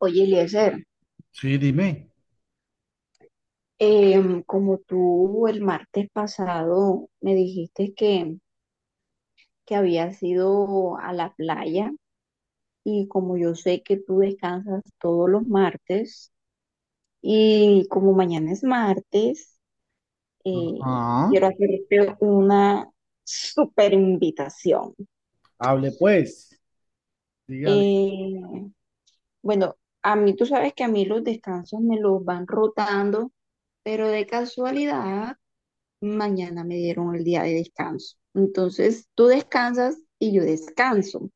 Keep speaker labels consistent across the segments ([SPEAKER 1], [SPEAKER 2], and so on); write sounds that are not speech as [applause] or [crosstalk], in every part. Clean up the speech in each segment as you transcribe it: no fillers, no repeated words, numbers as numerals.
[SPEAKER 1] Oye, Eliezer,
[SPEAKER 2] Sí, dime.
[SPEAKER 1] como tú el martes pasado me dijiste que habías ido a la playa y como yo sé que tú descansas todos los martes y como mañana es martes, eh,
[SPEAKER 2] Ajá.
[SPEAKER 1] quiero hacerte una super invitación.
[SPEAKER 2] Hable pues. Dígale
[SPEAKER 1] Eh, bueno, a mí tú sabes que a mí los descansos me los van rotando, pero de casualidad mañana me dieron el día de descanso. Entonces, tú descansas y yo descanso.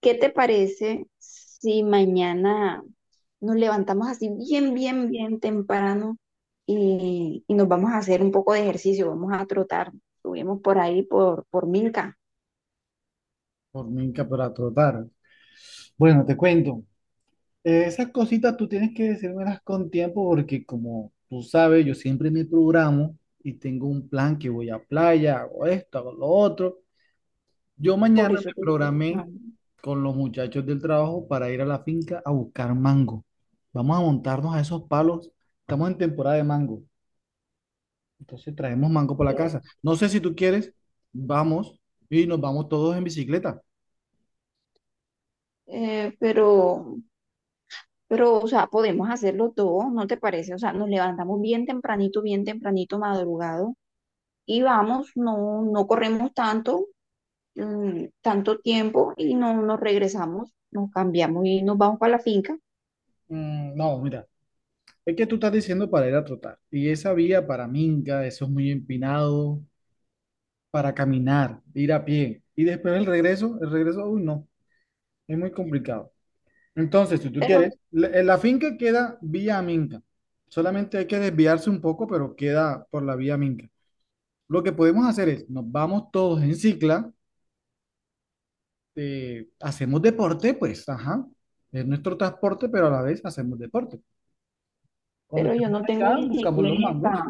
[SPEAKER 1] ¿Qué te parece si mañana nos levantamos así bien, bien, bien temprano y nos vamos a hacer un poco de ejercicio? Vamos a trotar. Subimos por ahí por Milka.
[SPEAKER 2] por minca para trotar. Bueno, te cuento. Esas cositas tú tienes que decírmelas con tiempo porque como tú sabes, yo siempre me programo y tengo un plan que voy a playa, hago esto, hago lo otro. Yo
[SPEAKER 1] Por
[SPEAKER 2] mañana
[SPEAKER 1] eso
[SPEAKER 2] me
[SPEAKER 1] te estoy
[SPEAKER 2] programé
[SPEAKER 1] buscando.
[SPEAKER 2] con los muchachos del trabajo para ir a la finca a buscar mango. Vamos a montarnos a esos palos. Estamos en temporada de mango. Entonces traemos mango para la casa. No sé si tú quieres, vamos y nos vamos todos en bicicleta.
[SPEAKER 1] Eh, pero, pero, o sea, podemos hacerlo todo, ¿no te parece? O sea, nos levantamos bien tempranito, madrugado, y vamos, no, no corremos tanto, tanto tiempo y no nos regresamos, nos cambiamos y nos vamos para la finca,
[SPEAKER 2] Mm, no, mira, es que tú estás diciendo para ir a trotar. Y esa vía para Minga eso es muy empinado, para caminar, ir a pie. Y después el regreso, uy, no, es muy complicado. Entonces, si tú
[SPEAKER 1] pero,
[SPEAKER 2] quieres, la, en la finca queda vía Minca. Solamente hay que desviarse un poco, pero queda por la vía Minca. Lo que podemos hacer es, nos vamos todos en cicla hacemos deporte, pues, ajá, es nuestro transporte, pero a la vez hacemos deporte. Cuando
[SPEAKER 1] pero yo
[SPEAKER 2] estemos
[SPEAKER 1] no tengo
[SPEAKER 2] allá, buscamos los
[SPEAKER 1] bicicleta,
[SPEAKER 2] mangos.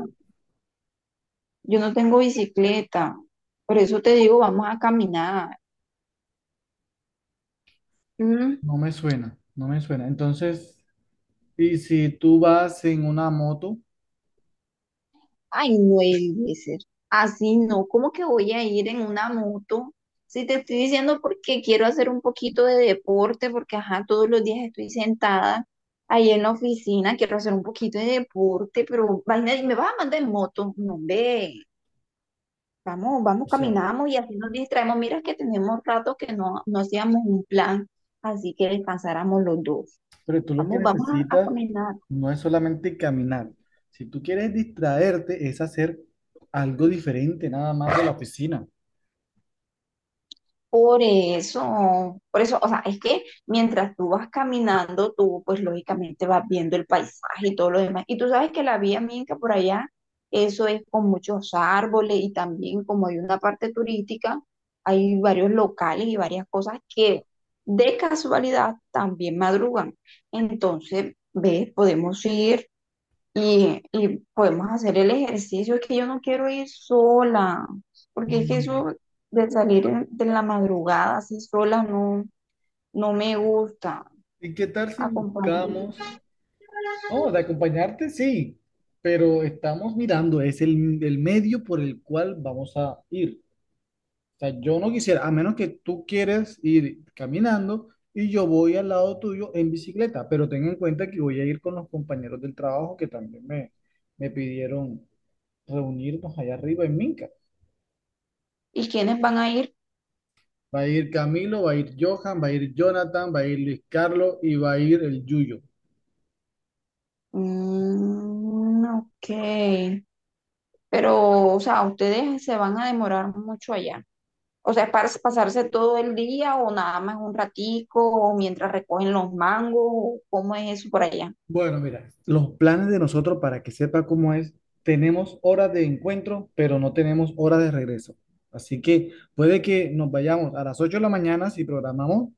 [SPEAKER 1] yo no tengo bicicleta, por eso te digo, vamos a caminar. Mm.
[SPEAKER 2] No me suena, no me suena. Entonces, y si tú vas en una moto,
[SPEAKER 1] Ay, no debe ser, así no, ¿cómo que voy a ir en una moto? Si te estoy diciendo porque quiero hacer un poquito de deporte, porque ajá, todos los días estoy sentada ahí en la oficina, quiero hacer un poquito de deporte, pero vaina, ¿y me vas a mandar en moto? No, hombre. Vamos, vamos,
[SPEAKER 2] o sea,
[SPEAKER 1] caminamos y así nos distraemos. Mira que tenemos rato que no hacíamos un plan, así que descansáramos los dos.
[SPEAKER 2] pero tú lo que
[SPEAKER 1] Vamos, vamos a
[SPEAKER 2] necesitas
[SPEAKER 1] caminar.
[SPEAKER 2] no es solamente caminar. Si tú quieres distraerte, es hacer algo diferente, nada más de la oficina.
[SPEAKER 1] Por eso, o sea, es que mientras tú vas caminando, tú pues lógicamente vas viendo el paisaje y todo lo demás. Y tú sabes que la vía Minca por allá, eso es con muchos árboles y también como hay una parte turística, hay varios locales y varias cosas que de casualidad también madrugan. Entonces, ves, podemos ir y podemos hacer el ejercicio, es que yo no quiero ir sola, porque es que
[SPEAKER 2] Mm,
[SPEAKER 1] eso de la madrugada así sola no me gusta.
[SPEAKER 2] ¿y qué tal si
[SPEAKER 1] Acompáñame.
[SPEAKER 2] buscamos? No, de acompañarte sí, pero estamos mirando, es el medio por el cual vamos a ir. O sea, yo no quisiera, a menos que tú quieres ir caminando y yo voy al lado tuyo en bicicleta, pero ten en cuenta que voy a ir con los compañeros del trabajo que también me pidieron reunirnos allá arriba en Minca.
[SPEAKER 1] ¿Y quiénes van a ir?
[SPEAKER 2] Va a ir Camilo, va a ir Johan, va a ir Jonathan, va a ir Luis Carlos y va a ir el Yuyo.
[SPEAKER 1] Mm, ok. Pero, o sea, ustedes se van a demorar mucho allá. O sea, ¿es para pasarse todo el día o nada más un ratico o mientras recogen los mangos? ¿Cómo es eso por allá?
[SPEAKER 2] Bueno, mira, los planes de nosotros, para que sepa cómo es, tenemos horas de encuentro, pero no tenemos horas de regreso. Así que puede que nos vayamos a las 8 de la mañana si programamos,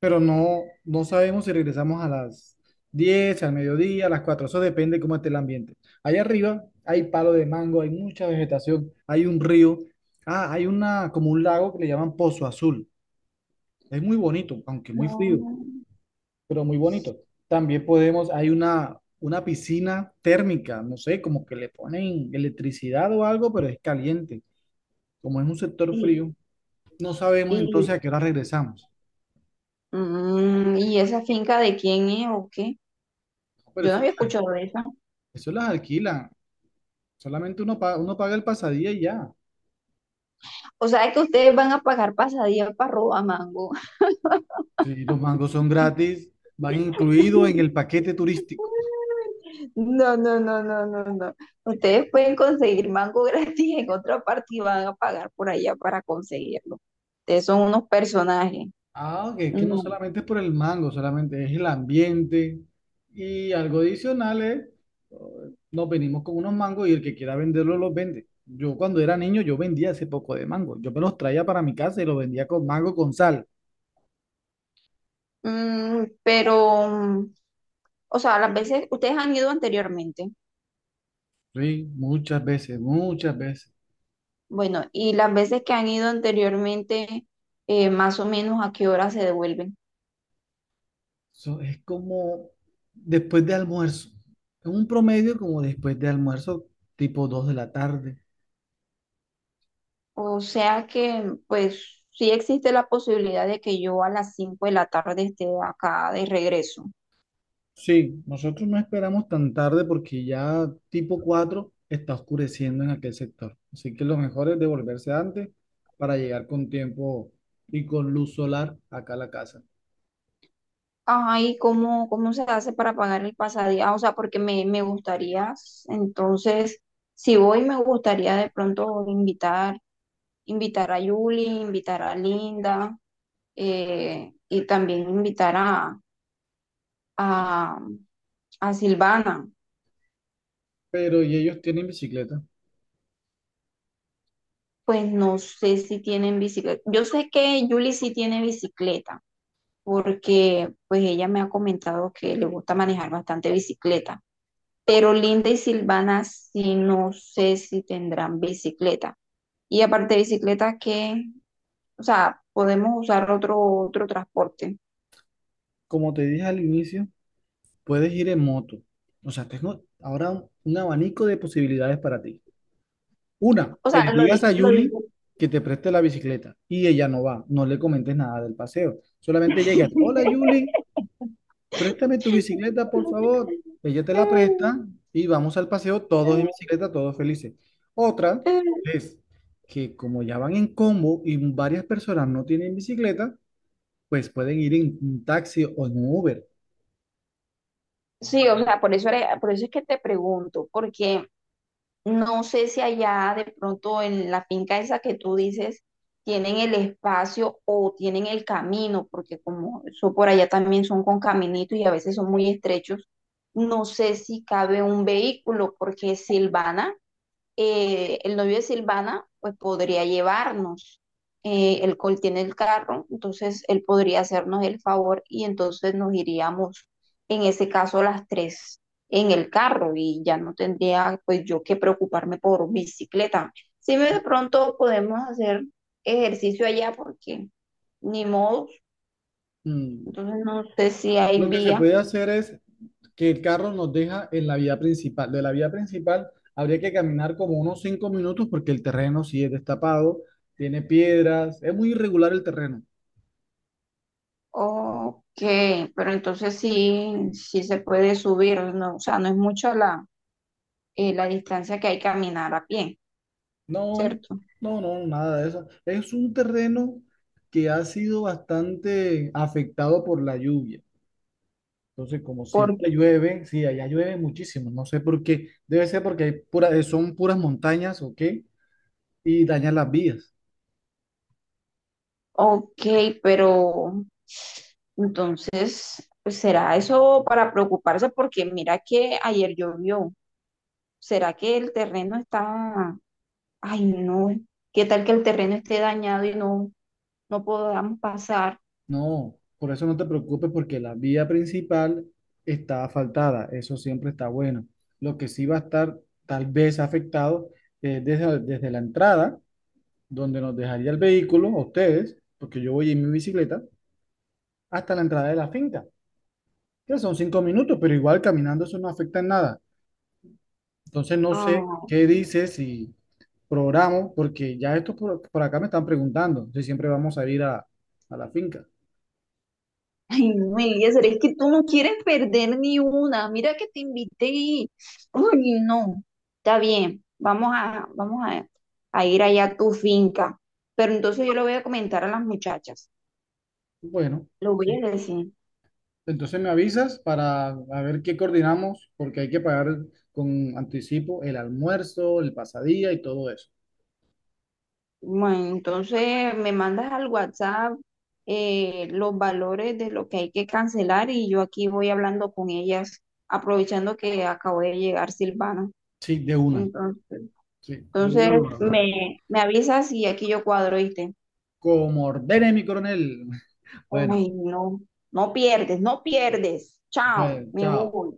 [SPEAKER 2] pero no, no sabemos si regresamos a las 10, al mediodía, a las 4. Eso depende cómo esté el ambiente. Allá arriba hay palo de mango, hay mucha vegetación, hay un río. Ah, hay una, como un lago que le llaman Pozo Azul. Es muy bonito, aunque muy frío,
[SPEAKER 1] No.
[SPEAKER 2] pero muy bonito. También podemos, hay una piscina térmica, no sé, como que le ponen electricidad o algo, pero es caliente. Como es un sector
[SPEAKER 1] Y,
[SPEAKER 2] frío, no sabemos
[SPEAKER 1] y
[SPEAKER 2] entonces a qué hora regresamos.
[SPEAKER 1] mm, ¿y esa finca de quién es o qué?
[SPEAKER 2] No, pero
[SPEAKER 1] Yo no
[SPEAKER 2] eso,
[SPEAKER 1] había escuchado de esa.
[SPEAKER 2] eso las alquilan, solamente uno paga el pasadía y ya.
[SPEAKER 1] O sea, que ustedes van a pagar pasadía para robar mango.
[SPEAKER 2] Si los mangos son gratis, van incluidos en el paquete turístico.
[SPEAKER 1] [laughs] No, no, no, no, no, no. Ustedes pueden conseguir mango [laughs] gratis en otra parte y van a pagar por allá para conseguirlo. Ustedes son unos personajes.
[SPEAKER 2] Ah, que no
[SPEAKER 1] No.
[SPEAKER 2] solamente es por el mango, solamente es el ambiente y algo adicional es, eh, nos venimos con unos mangos y el que quiera venderlo los vende. Yo cuando era niño yo vendía ese poco de mango, yo me los traía para mi casa y los vendía con mango con sal.
[SPEAKER 1] Mm, pero, mm, o sea, las veces, ustedes han ido anteriormente.
[SPEAKER 2] Sí, muchas veces, muchas veces.
[SPEAKER 1] Bueno, y las veces que han ido anteriormente, más o menos a qué hora se devuelven.
[SPEAKER 2] Eso es como después de almuerzo, es un promedio como después de almuerzo, tipo 2 de la tarde.
[SPEAKER 1] O sea que, pues, sí existe la posibilidad de que yo a las 5 de la tarde esté acá de regreso.
[SPEAKER 2] Sí, nosotros no esperamos tan tarde porque ya tipo 4 está oscureciendo en aquel sector. Así que lo mejor es devolverse antes para llegar con tiempo y con luz solar acá a la casa.
[SPEAKER 1] Ajá, ¿y cómo, cómo se hace para pagar el pasadía? Ah, o sea, me gustaría, entonces, si voy, me gustaría de pronto invitar, invitar a Julie, invitar a Linda, y también invitar a, a Silvana.
[SPEAKER 2] Pero y ellos tienen bicicleta.
[SPEAKER 1] Pues no sé si tienen bicicleta. Yo sé que Julie sí tiene bicicleta, porque pues ella me ha comentado que le gusta manejar bastante bicicleta, pero Linda y Silvana sí no sé si tendrán bicicleta. Y aparte de bicicleta, que, o sea, podemos usar otro transporte.
[SPEAKER 2] Como te dije al inicio, puedes ir en moto. O sea, tengo ahora un abanico de posibilidades para ti. Una,
[SPEAKER 1] O
[SPEAKER 2] que
[SPEAKER 1] sea,
[SPEAKER 2] le digas a
[SPEAKER 1] lo
[SPEAKER 2] Yuli
[SPEAKER 1] digo.
[SPEAKER 2] que te preste la bicicleta y ella no va. No le comentes nada del paseo. Solamente llegas, hola Yuli.
[SPEAKER 1] [laughs]
[SPEAKER 2] Préstame tu bicicleta, por favor. Ella te la presta y vamos al paseo todos en bicicleta, todos felices. Otra es que como ya van en combo y varias personas no tienen bicicleta, pues pueden ir en un taxi o en un Uber.
[SPEAKER 1] Sí, o sea, por eso es que te pregunto, porque no sé si allá de pronto en la finca esa que tú dices tienen el espacio o tienen el camino, porque como eso por allá también son con caminitos y a veces son muy estrechos, no sé si cabe un vehículo, porque Silvana el novio de Silvana pues podría llevarnos. El Col tiene el carro, entonces él podría hacernos el favor y entonces nos iríamos, en ese caso, las tres en el carro y ya no tendría pues yo que preocuparme por bicicleta. Si de pronto podemos hacer ejercicio allá porque ni modo,
[SPEAKER 2] Mm.
[SPEAKER 1] entonces no sé si hay
[SPEAKER 2] Lo que se
[SPEAKER 1] vía
[SPEAKER 2] puede hacer es que el carro nos deja en la vía principal. De la vía principal habría que caminar como unos 5 minutos porque el terreno sí es destapado, tiene piedras, es muy irregular el terreno.
[SPEAKER 1] o qué, pero entonces sí, sí se puede subir, no, o sea, no es mucho la distancia que hay que caminar a pie,
[SPEAKER 2] No,
[SPEAKER 1] ¿cierto?
[SPEAKER 2] no, no, nada de eso. Es un terreno que ha sido bastante afectado por la lluvia. Entonces, como
[SPEAKER 1] Porque,
[SPEAKER 2] siempre llueve, sí, allá llueve muchísimo. No sé por qué. Debe ser porque hay son puras montañas o qué, y dañan las vías.
[SPEAKER 1] ok, pero entonces, pues, ¿será eso para preocuparse? Porque mira que ayer llovió. ¿Será que el terreno está, ay no, qué tal que el terreno esté dañado y no, no podamos pasar?
[SPEAKER 2] No, por eso no te preocupes porque la vía principal está asfaltada. Eso siempre está bueno. Lo que sí va a estar tal vez afectado es desde la entrada, donde nos dejaría el vehículo, a ustedes porque yo voy en mi bicicleta, hasta la entrada de la finca, que son 5 minutos, pero igual caminando eso no afecta en nada. Entonces no sé
[SPEAKER 1] Ah,
[SPEAKER 2] qué dices si programo, porque ya estos por acá me están preguntando si siempre vamos a ir a la finca.
[SPEAKER 1] ay, no, Eliezer, es que tú no quieres perder ni una. Mira que te invité y... Uy, no. Está bien, vamos a, vamos a ir allá a tu finca. Pero entonces yo le voy a comentar a las muchachas.
[SPEAKER 2] Bueno,
[SPEAKER 1] Lo voy
[SPEAKER 2] sí.
[SPEAKER 1] a decir.
[SPEAKER 2] Entonces me avisas para a ver qué coordinamos, porque hay que pagar con anticipo el almuerzo, el pasadía y todo eso.
[SPEAKER 1] Bueno, entonces me mandas al WhatsApp los valores de lo que hay que cancelar y yo aquí voy hablando con ellas, aprovechando que acabo de llegar Silvana.
[SPEAKER 2] Sí, de una.
[SPEAKER 1] Entonces,
[SPEAKER 2] Sí, de
[SPEAKER 1] entonces
[SPEAKER 2] una lo hago.
[SPEAKER 1] me, me avisas y aquí yo cuadro, ¿viste?
[SPEAKER 2] Como ordene mi coronel. [laughs] Bueno,
[SPEAKER 1] Ay, no, no pierdes, no pierdes. Chao,
[SPEAKER 2] pues,
[SPEAKER 1] me
[SPEAKER 2] chao.
[SPEAKER 1] voy.